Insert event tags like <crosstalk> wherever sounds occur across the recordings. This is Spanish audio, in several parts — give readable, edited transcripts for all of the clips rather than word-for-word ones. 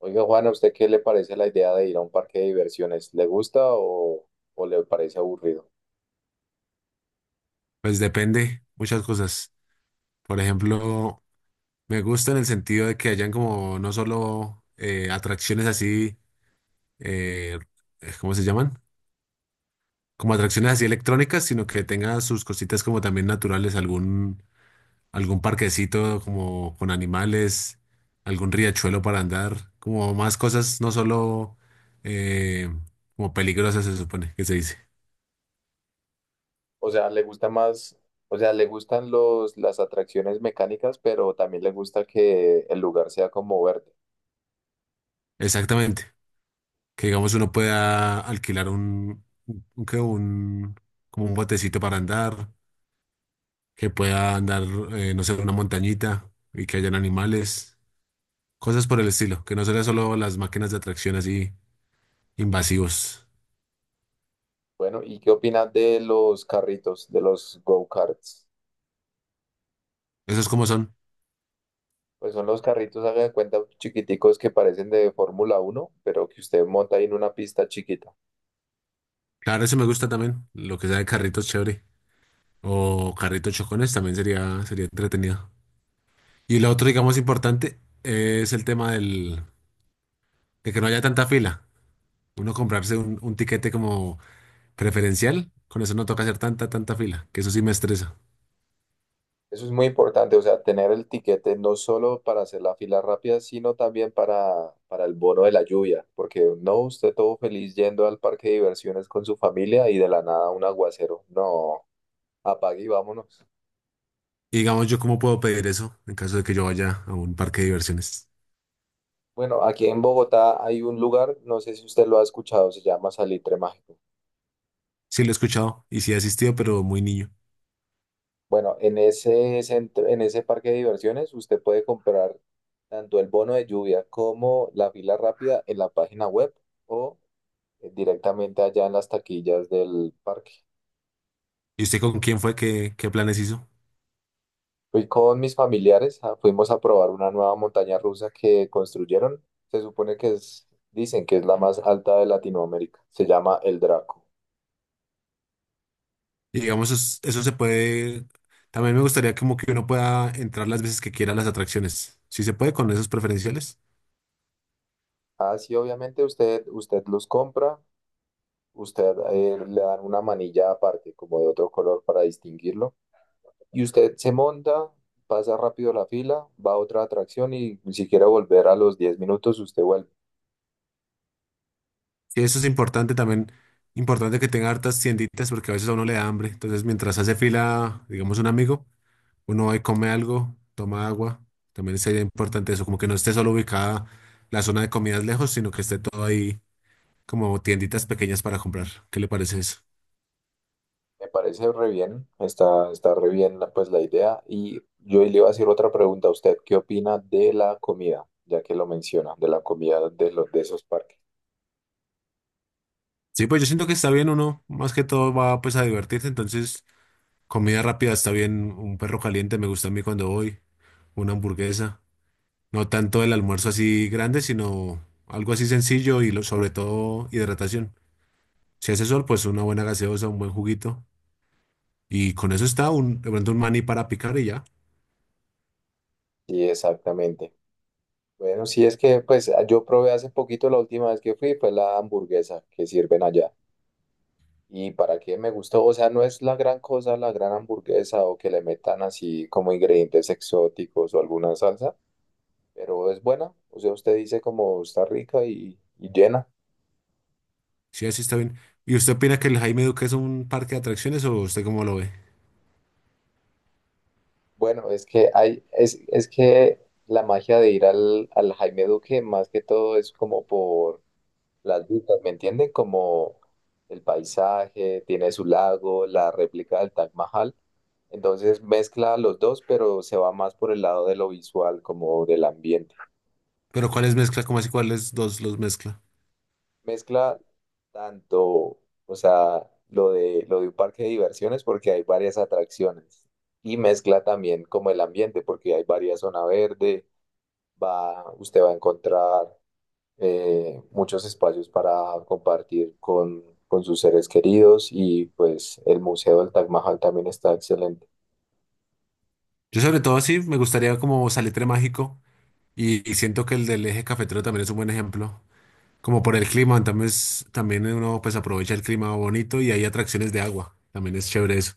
Oiga, Juan, ¿a usted qué le parece la idea de ir a un parque de diversiones? ¿Le gusta o le parece aburrido? Pues depende muchas cosas. Por ejemplo, me gusta en el sentido de que hayan como no solo atracciones así, eh, ¿cómo se llaman? Como atracciones así electrónicas, sino que tenga sus cositas como también naturales, algún parquecito como con animales, algún riachuelo para andar, como más cosas, no solo eh, como peligrosas se supone que se dice. O sea, ¿le gusta más, o sea, le gustan las atracciones mecánicas, pero también le gusta que el lugar sea como verde? Exactamente. Que digamos uno pueda alquilar como un botecito para andar, que pueda andar, no sé, una montañita y que hayan animales, cosas por el estilo, que no sean solo las máquinas de atracción así invasivos. Bueno, ¿y qué opinas de los carritos, de los go-karts? ¿Esos como son? Pues son los carritos, hagan cuenta, chiquiticos que parecen de Fórmula 1, pero que usted monta ahí en una pista chiquita. Claro, eso me gusta también, lo que sea de carritos chévere o carritos chocones también sería entretenido. Y lo otro, digamos, importante es el tema de que no haya tanta fila. Uno comprarse un tiquete como preferencial, con eso no toca hacer tanta fila, que eso sí me estresa. Eso es muy importante, o sea, tener el tiquete no solo para hacer la fila rápida, sino también para el bono de la lluvia, porque no, usted todo feliz yendo al parque de diversiones con su familia y de la nada un aguacero. No, apague y vámonos. Y digamos, ¿yo cómo puedo pedir eso en caso de que yo vaya a un parque de diversiones? Bueno, aquí en Bogotá hay un lugar, no sé si usted lo ha escuchado, se llama Salitre Mágico. Sí lo he escuchado y sí he asistido, pero muy niño. Bueno, en ese parque de diversiones usted puede comprar tanto el bono de lluvia como la fila rápida en la página web o directamente allá en las taquillas del parque. ¿Y usted con quién fue? ¿Qué planes hizo? Fui con mis familiares, ah, fuimos a probar una nueva montaña rusa que construyeron. Se supone que es, dicen que es la más alta de Latinoamérica. Se llama el Draco. Y digamos, eso se puede... También me gustaría como que uno pueda entrar las veces que quiera a las atracciones. Si se puede con esos preferenciales. Así obviamente usted los compra, usted le dan una manilla aparte, como de otro color para distinguirlo. Y usted se monta, pasa rápido la fila, va a otra atracción y ni siquiera volver a los 10 minutos, usted vuelve. Y eso es importante también. Importante que tenga hartas tienditas porque a veces a uno le da hambre. Entonces, mientras hace fila, digamos, un amigo. Uno va y come algo, toma agua. También sería importante eso, como que no esté solo ubicada la zona de comidas lejos, sino que esté todo ahí como tienditas pequeñas para comprar. ¿Qué le parece eso? Me parece re bien, está re bien pues la idea. Y yo le iba a hacer otra pregunta a usted, ¿qué opina de la comida? Ya que lo menciona, de la comida de esos parques. Sí, pues yo siento que está bien uno, más que todo va pues a divertirse, entonces comida rápida está bien, un perro caliente me gusta a mí cuando voy, una hamburguesa, no tanto el almuerzo así grande, sino algo así sencillo y sobre todo hidratación. Si hace sol, pues una buena gaseosa, un buen juguito y con eso está un, de pronto un maní para picar y ya. Sí, exactamente. Bueno, sí es que pues yo probé hace poquito la última vez que fui, fue la hamburguesa que sirven allá. Y para qué me gustó, o sea, no es la gran cosa la gran hamburguesa o que le metan así como ingredientes exóticos o alguna salsa, pero es buena. O sea, usted dice como está rica y llena. Sí, así está bien. ¿Y usted opina que el Jaime Duque es un parque de atracciones o usted cómo lo ve? Bueno, es que la magia de ir al, al Jaime Duque, más que todo, es como por las vistas, ¿me entienden? Como el paisaje, tiene su lago, la réplica del Taj Mahal. Entonces mezcla los dos, pero se va más por el lado de lo visual, como del ambiente. Pero ¿cuáles mezcla? ¿Cómo así cuáles dos los mezcla? Mezcla tanto, o sea, lo de un parque de diversiones, porque hay varias atracciones. Y mezcla también como el ambiente, porque hay varias zonas verdes usted va a encontrar muchos espacios para compartir con sus seres queridos y pues el Museo del Taj Mahal también está excelente. Yo sobre todo sí me gustaría como Salitre Mágico y siento que el del Eje Cafetero también es un buen ejemplo. Como por el clima, también, también uno pues aprovecha el clima bonito y hay atracciones de agua. También es chévere eso.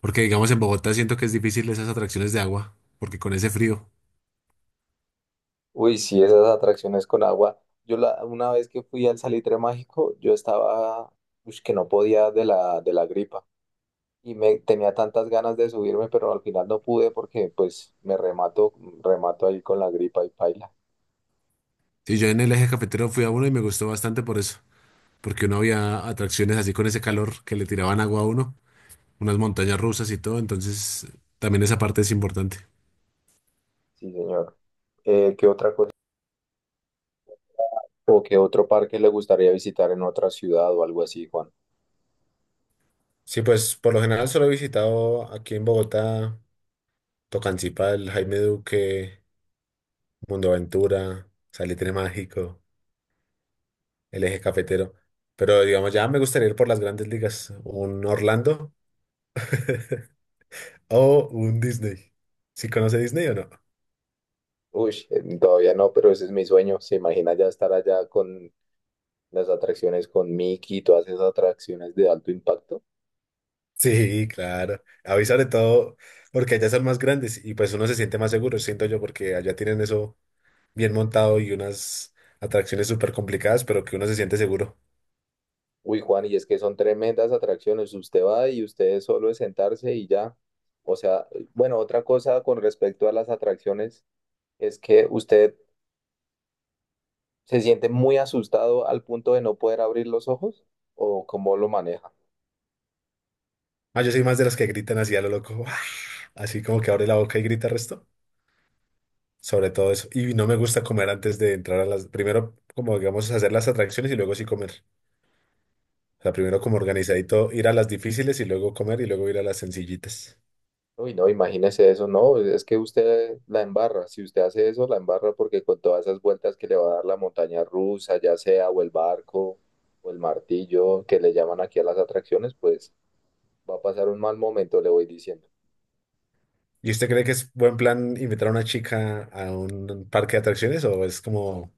Porque digamos en Bogotá siento que es difícil esas atracciones de agua, porque con ese frío. Uy, sí, esas atracciones con agua. Una vez que fui al Salitre Mágico, yo estaba, ush, que no podía de la gripa y me tenía tantas ganas de subirme, pero al final no pude porque pues me remato ahí con la gripa y paila. Sí, yo en el Eje Cafetero fui a uno y me gustó bastante por eso. Porque uno había atracciones así con ese calor que le tiraban agua a uno. Unas montañas rusas y todo, entonces también esa parte es importante. Sí, señor. ¿Qué otra cosa? ¿O qué otro parque le gustaría visitar en otra ciudad o algo así, Juan? Sí, pues por lo general solo he visitado aquí en Bogotá, Tocancipá, el Jaime Duque, Mundoaventura, Salitre Mágico, el Eje Cafetero. Pero digamos, ya me gustaría ir por las grandes ligas, un Orlando <laughs> o un Disney. ¿Sí conoce Disney o no? Uy, todavía no, pero ese es mi sueño. ¿Se imagina ya estar allá con las atracciones con Mickey y todas esas atracciones de alto impacto? Sí, claro. A mí sobre todo porque allá son más grandes y pues uno se siente más seguro, siento yo, porque allá tienen eso bien montado y unas atracciones súper complicadas, pero que uno se siente seguro. Uy, Juan, y es que son tremendas atracciones. Usted va y usted solo es sentarse y ya. O sea, bueno, otra cosa con respecto a las atracciones es que usted se siente muy asustado al punto de no poder abrir los ojos o cómo lo maneja. Ah, yo soy más de los que gritan así a lo loco, <laughs> ¡guau! Así como que abre la boca y grita el resto. Sobre todo eso. Y no me gusta comer antes de entrar a las... Primero, como digamos, hacer las atracciones y luego sí comer. O sea, primero como organizadito, ir a las difíciles y luego comer y luego ir a las sencillitas. Uy, no, imagínese eso, no, es que usted la embarra, si usted hace eso, la embarra porque con todas esas vueltas que le va a dar la montaña rusa, ya sea, o el barco, o el martillo, que le llaman aquí a las atracciones, pues va a pasar un mal momento, le voy diciendo. ¿Y usted cree que es buen plan invitar a una chica a un parque de atracciones o es como un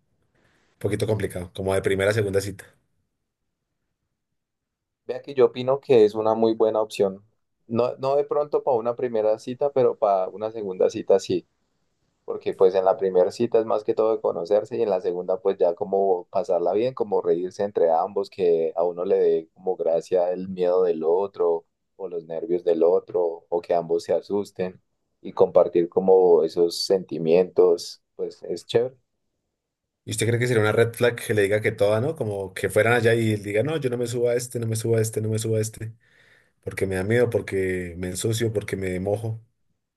poquito complicado, como de primera a segunda cita? Vea que yo opino que es una muy buena opción, no, no de pronto para una primera cita, pero para una segunda cita sí. Porque pues en la primera cita es más que todo de conocerse y en la segunda pues ya como pasarla bien, como reírse entre ambos, que a uno le dé como gracia el miedo del otro o los nervios del otro o que ambos se asusten y compartir como esos sentimientos, pues es chévere. ¿Y usted cree que sería una red flag que le diga que toda, ¿no? Como que fueran allá y él diga, no, yo no me subo a este, no me subo a este, no me subo a este, porque me da miedo, porque me ensucio, porque me mojo.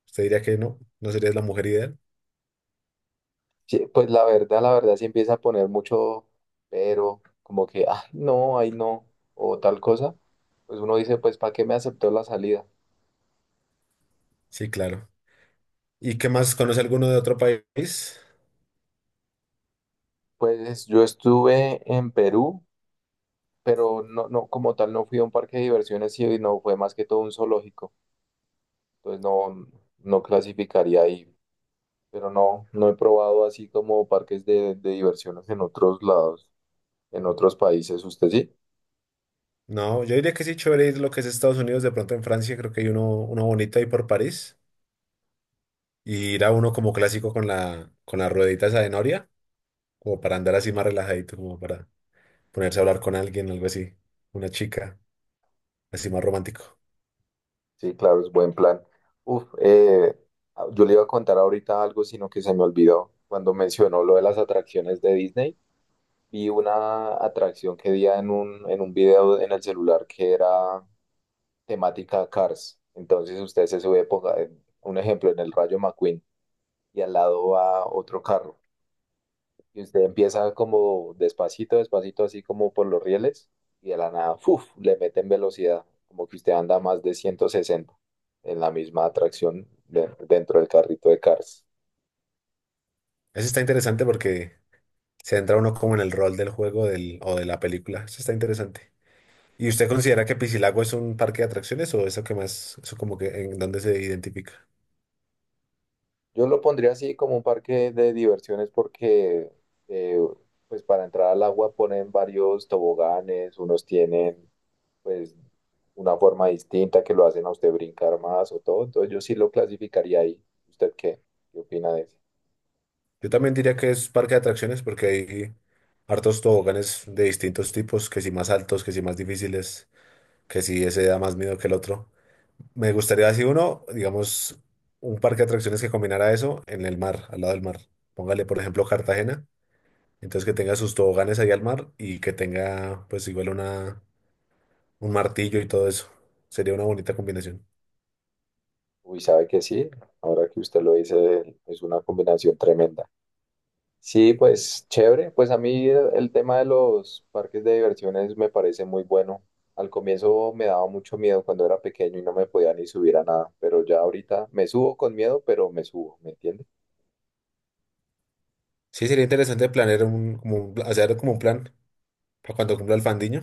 ¿Usted diría que no? ¿No sería la mujer ideal? Sí, pues la verdad sí empieza a poner mucho pero, como que, ah, no, ay no, o tal cosa, pues uno dice, pues ¿para qué me aceptó la salida? Sí, claro. ¿Y qué más? ¿Conoce alguno de otro país? Pues yo estuve en Perú pero no, no, como tal no fui a un parque de diversiones y no fue más que todo un zoológico, entonces no, no clasificaría ahí, pero no, no he probado así como parques de diversiones en otros lados, en otros países, ¿usted sí? No, yo diría que sí, chévere ir lo que es Estados Unidos, de pronto en Francia, creo que hay uno, uno bonito ahí por París. Y ir a uno como clásico con con la ruedita esa de noria, como para andar así más relajadito, como para ponerse a hablar con alguien, algo así. Una chica, así más romántico. Sí, claro, es buen plan. Uf, ah, yo le iba a contar ahorita algo, sino que se me olvidó cuando mencionó lo de las atracciones de Disney. Vi una atracción que vi en un video en el celular que era temática Cars. Entonces usted se sube, ponga un ejemplo, en el Rayo McQueen y al lado va otro carro. Y usted empieza como despacito, despacito, así como por los rieles y de la nada, ¡fuf! Le meten velocidad, como que usted anda más de 160 en la misma atracción dentro del carrito de Cars. Eso está interesante porque se entra uno como en el rol del juego del, o de la película. Eso está interesante. ¿Y usted considera que Piscilago es un parque de atracciones o eso que más, eso como que en dónde se identifica? Yo lo pondría así como un parque de diversiones porque eh, pues para entrar al agua ponen varios toboganes, unos tienen pues una forma distinta que lo hacen a usted brincar más o todo. Entonces yo sí lo clasificaría ahí. ¿Usted qué? ¿Qué opina de eso? Yo también diría que es parque de atracciones porque hay hartos toboganes de distintos tipos, que si más altos, que si más difíciles, que si ese da más miedo que el otro. Me gustaría así uno, digamos, un parque de atracciones que combinara eso en el mar, al lado del mar. Póngale, por ejemplo, Cartagena. Entonces que tenga sus toboganes ahí al mar y que tenga pues igual una, un martillo y todo eso. Sería una bonita combinación. Uy, sabe que sí. Ahora que usted lo dice, es una combinación tremenda. Sí, pues chévere. Pues a mí el tema de los parques de diversiones me parece muy bueno. Al comienzo me daba mucho miedo cuando era pequeño y no me podía ni subir a nada, pero ya ahorita me subo con miedo, pero me subo, ¿me entiende? Sí, sería interesante planear un, como un, hacer como un plan para cuando cumpla el fandiño.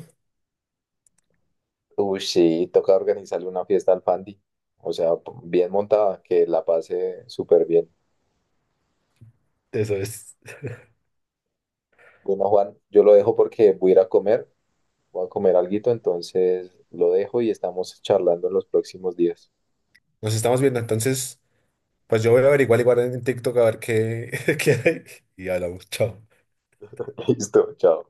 Uy, sí, toca organizarle una fiesta al Fandi. O sea, bien montada, que la pase súper bien. Eso es. Bueno, Juan, yo lo dejo porque voy a ir a comer, voy a comer alguito, entonces lo dejo y estamos charlando en los próximos días. Nos estamos viendo. Entonces, pues yo voy a averiguar igual en TikTok a ver qué, <laughs> qué hay. Y hablamos. Chao. <laughs> Listo, chao.